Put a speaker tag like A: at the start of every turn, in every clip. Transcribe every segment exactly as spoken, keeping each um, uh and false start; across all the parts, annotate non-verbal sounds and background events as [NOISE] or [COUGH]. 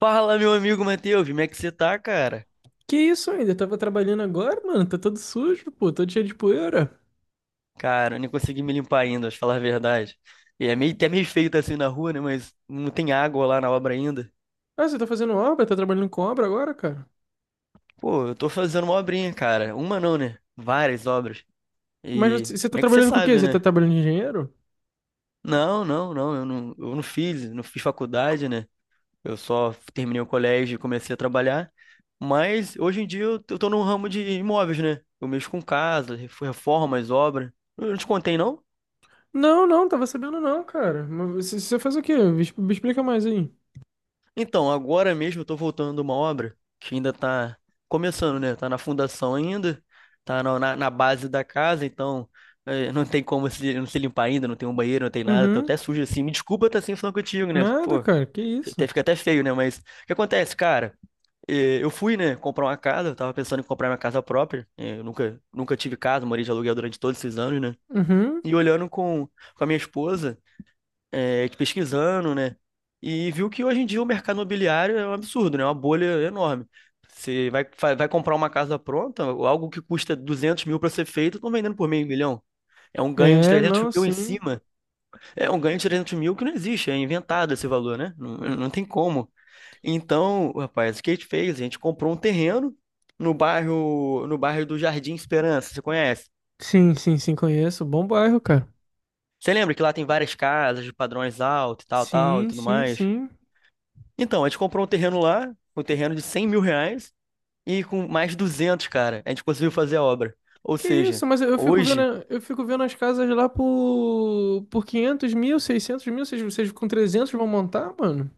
A: Fala, meu amigo Matheus, como é que você tá, cara?
B: Que isso ainda? Tava trabalhando agora, mano? Tá todo sujo, pô, todo cheio de poeira.
A: Cara, eu nem consegui me limpar ainda, pra falar a verdade. E é meio, até meio feio tá assim na rua, né? Mas não tem água lá na obra ainda.
B: Ah, você tá fazendo obra? Tá trabalhando com obra agora, cara?
A: Pô, eu tô fazendo uma obrinha, cara. Uma não, né? Várias obras.
B: Mas
A: E
B: você, você tá
A: como é que você
B: trabalhando com o quê?
A: sabe,
B: Você tá
A: né?
B: trabalhando de engenheiro?
A: Não, não, não, eu não, eu não fiz, não fiz faculdade, né? Eu só terminei o colégio e comecei a trabalhar. Mas hoje em dia eu eu tô no ramo de imóveis, né? Eu mexo com casa, reformas, obras. Eu não te contei, não?
B: Não, não, tava sabendo não, cara. Mas você, você faz o quê? Me, exp- me explica mais aí.
A: Então, agora mesmo eu tô voltando de uma obra que ainda tá começando, né? Tá na fundação ainda, tá na, na- na base da casa, então eh, não tem como se, não se limpar ainda, não tem um banheiro, não tem nada, tô
B: Uhum.
A: até sujo assim. Me desculpa estar assim falando contigo, né?
B: Nada,
A: Pô,
B: cara, que
A: até,
B: isso?
A: fica até feio, né? Mas o que acontece, cara? Eh, Eu fui, né, comprar uma casa, eu tava pensando em comprar minha casa própria, eh, eu nunca, nunca tive casa, morei de aluguel durante todos esses anos, né?
B: Uhum.
A: E olhando com, com a minha esposa é, de pesquisando, né? E viu que hoje em dia o mercado imobiliário é um absurdo, né? É uma bolha enorme. Você vai, vai vai comprar uma casa pronta, algo que custa duzentos mil para ser feito, estão vendendo por meio milhão. É um ganho de
B: É,
A: trezentos
B: não,
A: mil em
B: sim.
A: cima. É um ganho de trezentos mil que não existe, é inventado esse valor, né? Não, não tem como. Então, rapaz, o que a gente fez? A gente comprou um terreno no bairro, no bairro do Jardim Esperança, você conhece?
B: Sim, sim, sim, conheço. Bom bairro, cara.
A: Você lembra que lá tem várias casas de padrões altos e tal, tal e
B: Sim,
A: tudo
B: sim,
A: mais?
B: sim.
A: Então, a gente comprou um terreno lá, um terreno de cem mil reais, e com mais duzentos, cara, a gente conseguiu fazer a obra. Ou
B: Que isso,
A: seja,
B: mas eu eu fico vendo,
A: hoje,
B: eu fico vendo as casas lá por, por quinhentos mil, seiscentos mil, vocês, vocês com trezentos vão montar, mano?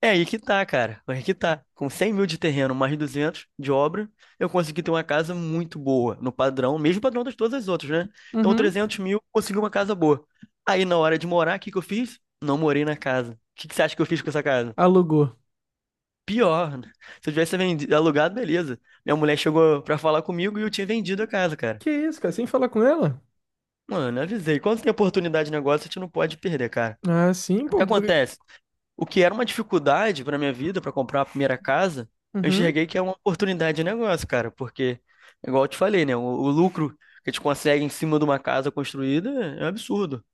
A: é aí que tá, cara, é aí que tá. Com cem mil de terreno, mais duzentos de obra, eu consegui ter uma casa muito boa, no padrão, mesmo padrão das todas as outras, né? Então,
B: Uhum.
A: trezentos mil, consegui uma casa boa. Aí, na hora de morar, o que que eu fiz? Não morei na casa. O que que você acha que eu fiz com essa casa?
B: Alugou.
A: Pior, [LAUGHS] né? Se eu tivesse vendido, alugado, beleza. Minha mulher chegou pra falar comigo e eu tinha vendido a casa, cara.
B: Que isso, cara, sem falar com ela?
A: Mano, avisei. Quando tem oportunidade de negócio, a gente não pode perder, cara.
B: Ah, sim,
A: O que
B: pô. por-
A: acontece? O que era uma dificuldade pra minha vida, pra comprar a primeira casa, eu
B: Uhum.
A: enxerguei que é uma oportunidade de negócio, cara. Porque, igual eu te falei, né? O, o lucro que a gente consegue em cima de uma casa construída é um absurdo.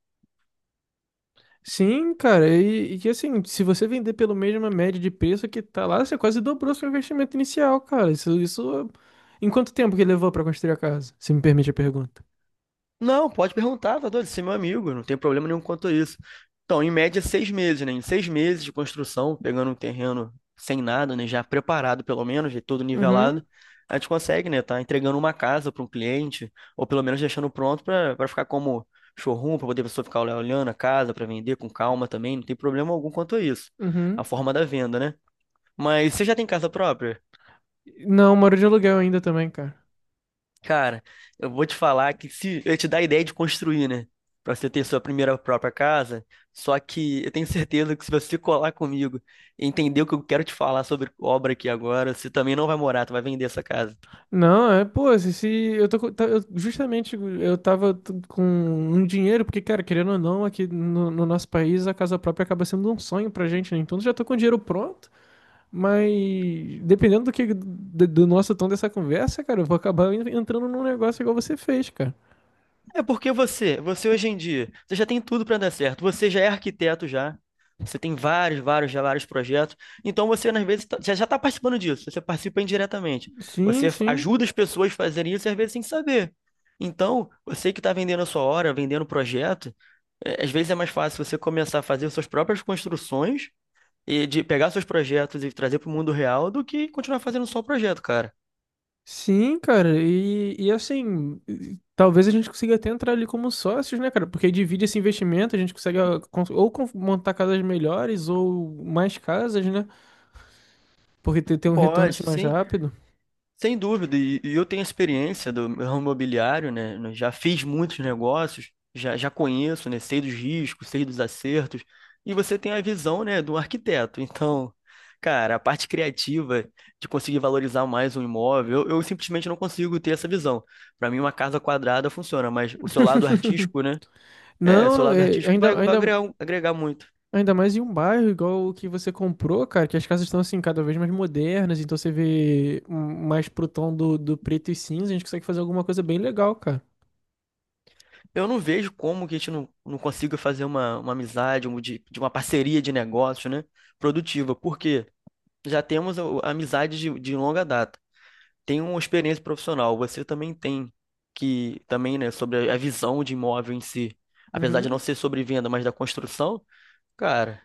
B: Sim, cara, e, e que assim, se você vender pelo mesma média de preço que tá lá, você quase dobrou seu investimento inicial, cara. Isso, isso. Em quanto tempo que levou pra construir a casa? Se me permite a pergunta.
A: Não, pode perguntar, tá doido? Você é meu amigo, eu não tem problema nenhum quanto a isso. Então, em média, seis meses, né? Em seis meses de construção, pegando um terreno sem nada, né? Já preparado, pelo menos, de tudo
B: Uhum,
A: nivelado, a gente consegue, né? Tá entregando uma casa para um cliente, ou pelo menos deixando pronto para para ficar como showroom, para poder a pessoa ficar olhando a casa para vender com calma também, não tem problema algum quanto a isso.
B: uhum.
A: A forma da venda, né? Mas você já tem casa própria?
B: Não, moro de aluguel ainda também, cara.
A: Cara, eu vou te falar que se eu te dar a ideia de construir, né? Pra você ter sua primeira própria casa. Só que eu tenho certeza que se você colar comigo e entender o que eu quero te falar sobre obra aqui agora, você também não vai morar, tu vai vender essa casa.
B: Não, é, pô, se, se eu tô, com- tá- eu- justamente eu tava t- com um dinheiro, porque, cara, querendo ou não, aqui no, no nosso país a casa própria acaba sendo um sonho pra gente, né? Então eu já tô com o dinheiro pronto, mas dependendo do que do, do nosso tom dessa conversa, cara, eu vou acabar en- entrando num negócio igual você fez, cara.
A: É porque você, você hoje em dia, você já tem tudo para dar certo. Você já é arquiteto já. Você tem vários, vários, já vários projetos. Então você, às vezes, tá- já já está participando disso. Você participa indiretamente.
B: Sim,
A: Você f-
B: sim.
A: ajuda as pessoas a fazerem isso, às vezes, sem saber. Então, você que está vendendo a sua hora, vendendo o projeto, é, às vezes é mais fácil você começar a fazer suas próprias construções e de pegar seus projetos e trazer para o mundo real do que continuar fazendo só o projeto, cara.
B: Sim, cara, e, e assim, e- talvez a gente consiga até entrar ali como sócios, né, cara? Porque aí divide esse investimento, a gente consegue ah, cons- ou con- montar casas melhores ou mais casas, né? Porque ter, ter um retorno
A: Pode,
B: assim mais
A: sim.
B: rápido.
A: Sem dúvida, e e eu tenho experiência do ramo imobiliário, né? né, Já fiz muitos negócios, já, já conheço, né? Sei dos riscos, sei dos acertos, e você tem a visão, né, do arquiteto. Então, cara, a parte criativa de conseguir valorizar mais um imóvel, eu, eu simplesmente não consigo ter essa visão. Para mim, uma casa quadrada funciona, mas o seu lado
B: [LAUGHS]
A: artístico, né? É, seu
B: Não,
A: lado
B: é,
A: artístico vai,
B: ainda,
A: vai
B: ainda,
A: agregar, um, agregar muito.
B: ainda mais em um bairro igual o que você comprou, cara, que as casas estão assim cada vez mais modernas, então você vê hum, mais pro tom do, do preto e cinza, a gente consegue fazer alguma coisa bem legal, cara.
A: Eu não vejo como que a gente não, não consiga fazer uma, uma amizade, um de, de uma parceria de negócio, né? Produtiva, porque já temos a, a amizade de, de longa data. Tem uma experiência profissional, você também tem que também, né, sobre a visão de imóvel em si. Apesar de não
B: Uhum.
A: ser sobre venda, mas da construção, cara,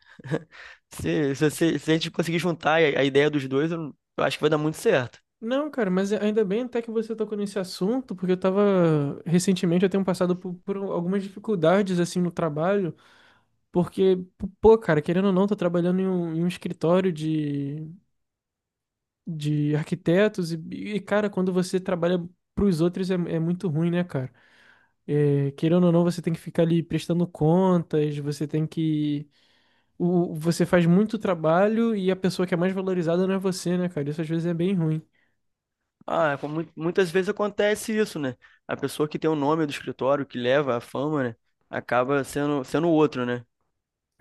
A: se, se, se- se a gente conseguir juntar a, a ideia dos dois, eu, eu acho que vai dar muito certo.
B: Não, cara, mas ainda bem até que você tocou nesse assunto, porque eu tava, recentemente eu tenho passado por, por algumas dificuldades, assim, no trabalho, porque, pô, cara, querendo ou não, tô trabalhando em um, em um escritório de, de arquitetos e, e, cara, quando você trabalha pros outros é, é muito ruim, né, cara? É, querendo ou não, você tem que ficar ali prestando contas, você tem que... O, você faz muito trabalho e a pessoa que é mais valorizada não é você, né, cara? Isso às vezes é bem ruim.
A: Ah, como mui- muitas vezes acontece isso, né? A pessoa que tem o nome do escritório, que leva a fama, né? Acaba sendo, sendo outro, né?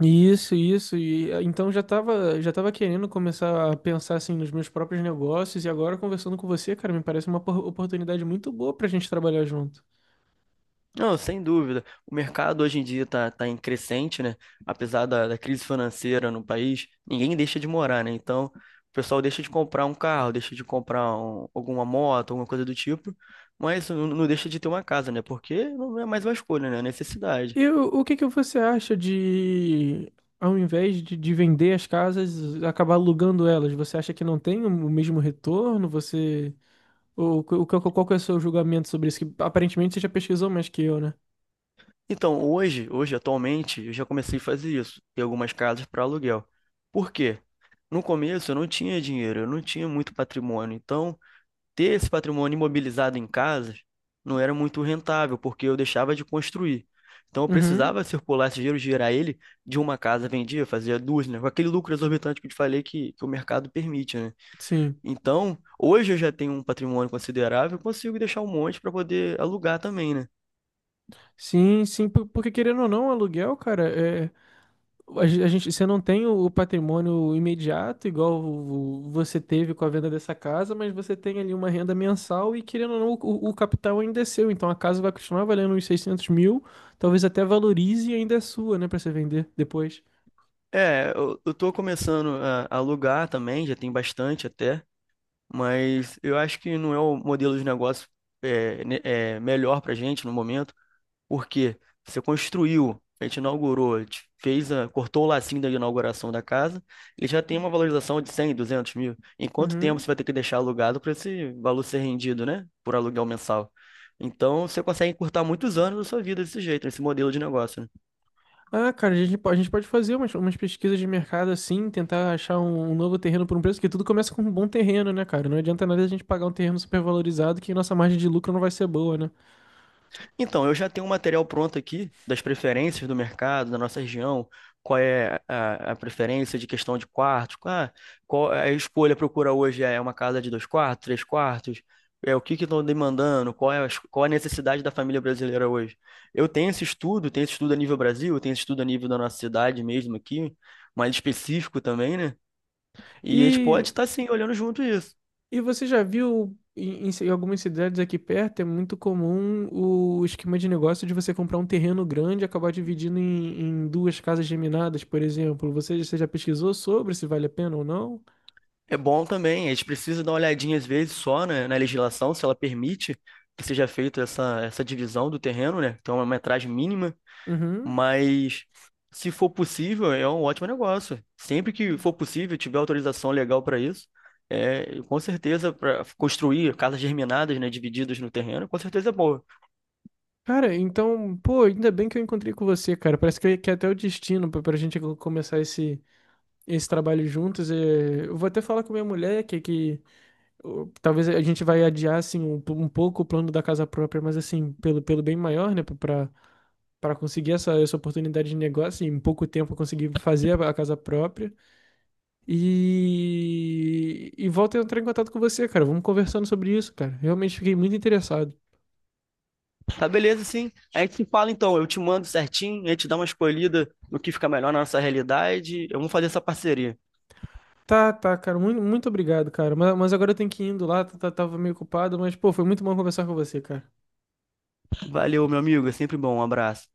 B: Isso, isso. E eh, então já tava, já tava querendo começar a pensar assim nos meus próprios negócios e agora conversando com você, cara, me parece uma opor- oportunidade muito boa pra gente trabalhar junto.
A: Não, sem dúvida. O mercado hoje em dia tá, tá em crescente, né? Apesar da, da crise financeira no país, ninguém deixa de morar, né? Então, o pessoal deixa de comprar um carro, deixa de comprar um- alguma moto, alguma coisa do tipo, mas não, não deixa de ter uma casa, né? Porque não é mais uma escolha, né? É necessidade.
B: E o, o que que você acha de, ao invés de, de vender as casas, acabar alugando elas? Você acha que não tem o mesmo retorno? Você, ou, o qual, qual que é o seu julgamento sobre isso? Que aparentemente você já pesquisou mais que eu, né?
A: Então, hoje, hoje, atualmente, eu já comecei a fazer isso, ter algumas casas para aluguel. Por quê? No começo eu não tinha dinheiro, eu não tinha muito patrimônio. Então, ter esse patrimônio imobilizado em casas não era muito rentável, porque eu deixava de construir. Então, eu
B: Uhum,
A: precisava circular esse dinheiro, girar ele de uma casa, vendia, fazia duas, né? Com aquele lucro exorbitante que eu te falei que, que o mercado permite, né?
B: sim.
A: Então, hoje eu já tenho um patrimônio considerável, eu consigo deixar um monte para poder alugar também, né?
B: Sim, sim, por- porque querendo ou não, aluguel, cara, é A gen- a gente, você não tem o o patrimônio imediato, igual o- o- você teve com a venda dessa casa, mas você tem ali uma renda mensal e, querendo ou não, o, o capital ainda é seu. Então a casa vai continuar valendo uns seiscentos mil, talvez até valorize e ainda é sua, né, para você vender depois.
A: É, eu, eu tô começando a a alugar também, já tem bastante até, mas eu acho que não é o modelo de negócio é, ne- é, melhor pra gente no momento, porque você construiu, a gente inaugurou, a gente fez a, cortou o lacinho da inauguração da casa, ele já tem uma valorização de cem, duzentos mil. Em quanto tempo
B: Uhum.
A: você vai ter que deixar alugado para esse valor ser rendido, né? Por aluguel mensal. Então, você consegue encurtar muitos anos da sua vida desse jeito, nesse modelo de negócio, né?
B: Ah, cara, a gente, po- a gente pode fazer umas, umas pesquisas de mercado assim, tentar achar um, um novo terreno por um preço, que tudo começa com um bom terreno, né, cara? Não adianta nada a gente pagar um terreno supervalorizado que nossa margem de lucro não vai ser boa, né?
A: Então, eu já tenho um material pronto aqui das preferências do mercado, da nossa região, qual é a, a preferência de questão de quartos, ah, qual a escolha procura hoje é uma casa de dois quartos, três quartos, é o que que estão demandando, qual é a, es- qual é a necessidade da família brasileira hoje. Eu tenho esse estudo, tenho esse estudo a nível Brasil, tenho esse estudo a nível da nossa cidade mesmo aqui, mais específico também, né? E a gente pode
B: E.
A: estar sim olhando junto isso.
B: E você já viu em, em ci- em algumas cidades aqui perto, é muito comum o esquema de negócio de você comprar um terreno grande e acabar dividindo em, em duas casas geminadas, por exemplo. Você, você já pesquisou sobre se vale a pena ou não?
A: É bom também, a gente precisa dar uma olhadinha às vezes só, né, na legislação, se ela permite que seja feita essa, essa divisão do terreno, né? Então é uma metragem mínima,
B: Uhum.
A: mas se for possível, é um ótimo negócio. Sempre que for possível, tiver autorização legal para isso, é, com certeza para construir casas germinadas, né, divididas no terreno, com certeza é boa.
B: Cara, então, pô, ainda bem que eu encontrei com você, cara. Parece que, que é até o destino pra, pra gente co- começar esse, esse trabalho juntos. É, eu vou até falar com minha mulher que, que ô, talvez a gente vai adiar, assim, um, po- um pouco o plano da casa própria, mas, assim, pelo, pelo bem maior, né? Pra, para conseguir essa, essa oportunidade de negócio, e em pouco tempo eu consegui fazer a, a casa própria. E, e volto a entrar em contato com você, cara. Vamos conversando sobre isso, cara. Realmente fiquei muito interessado.
A: Tá beleza, sim. A gente se fala então, eu te mando certinho, a gente dá uma escolhida no que fica melhor na nossa realidade, eu vou fazer essa parceria.
B: Tá, tá, cara. Muito, muito obrigado, cara. Mas, mas agora eu tenho que ir indo lá, tá- tá- tava meio ocupado, mas, pô, foi muito bom conversar com você, cara.
A: Valeu, meu amigo, é sempre bom, um abraço.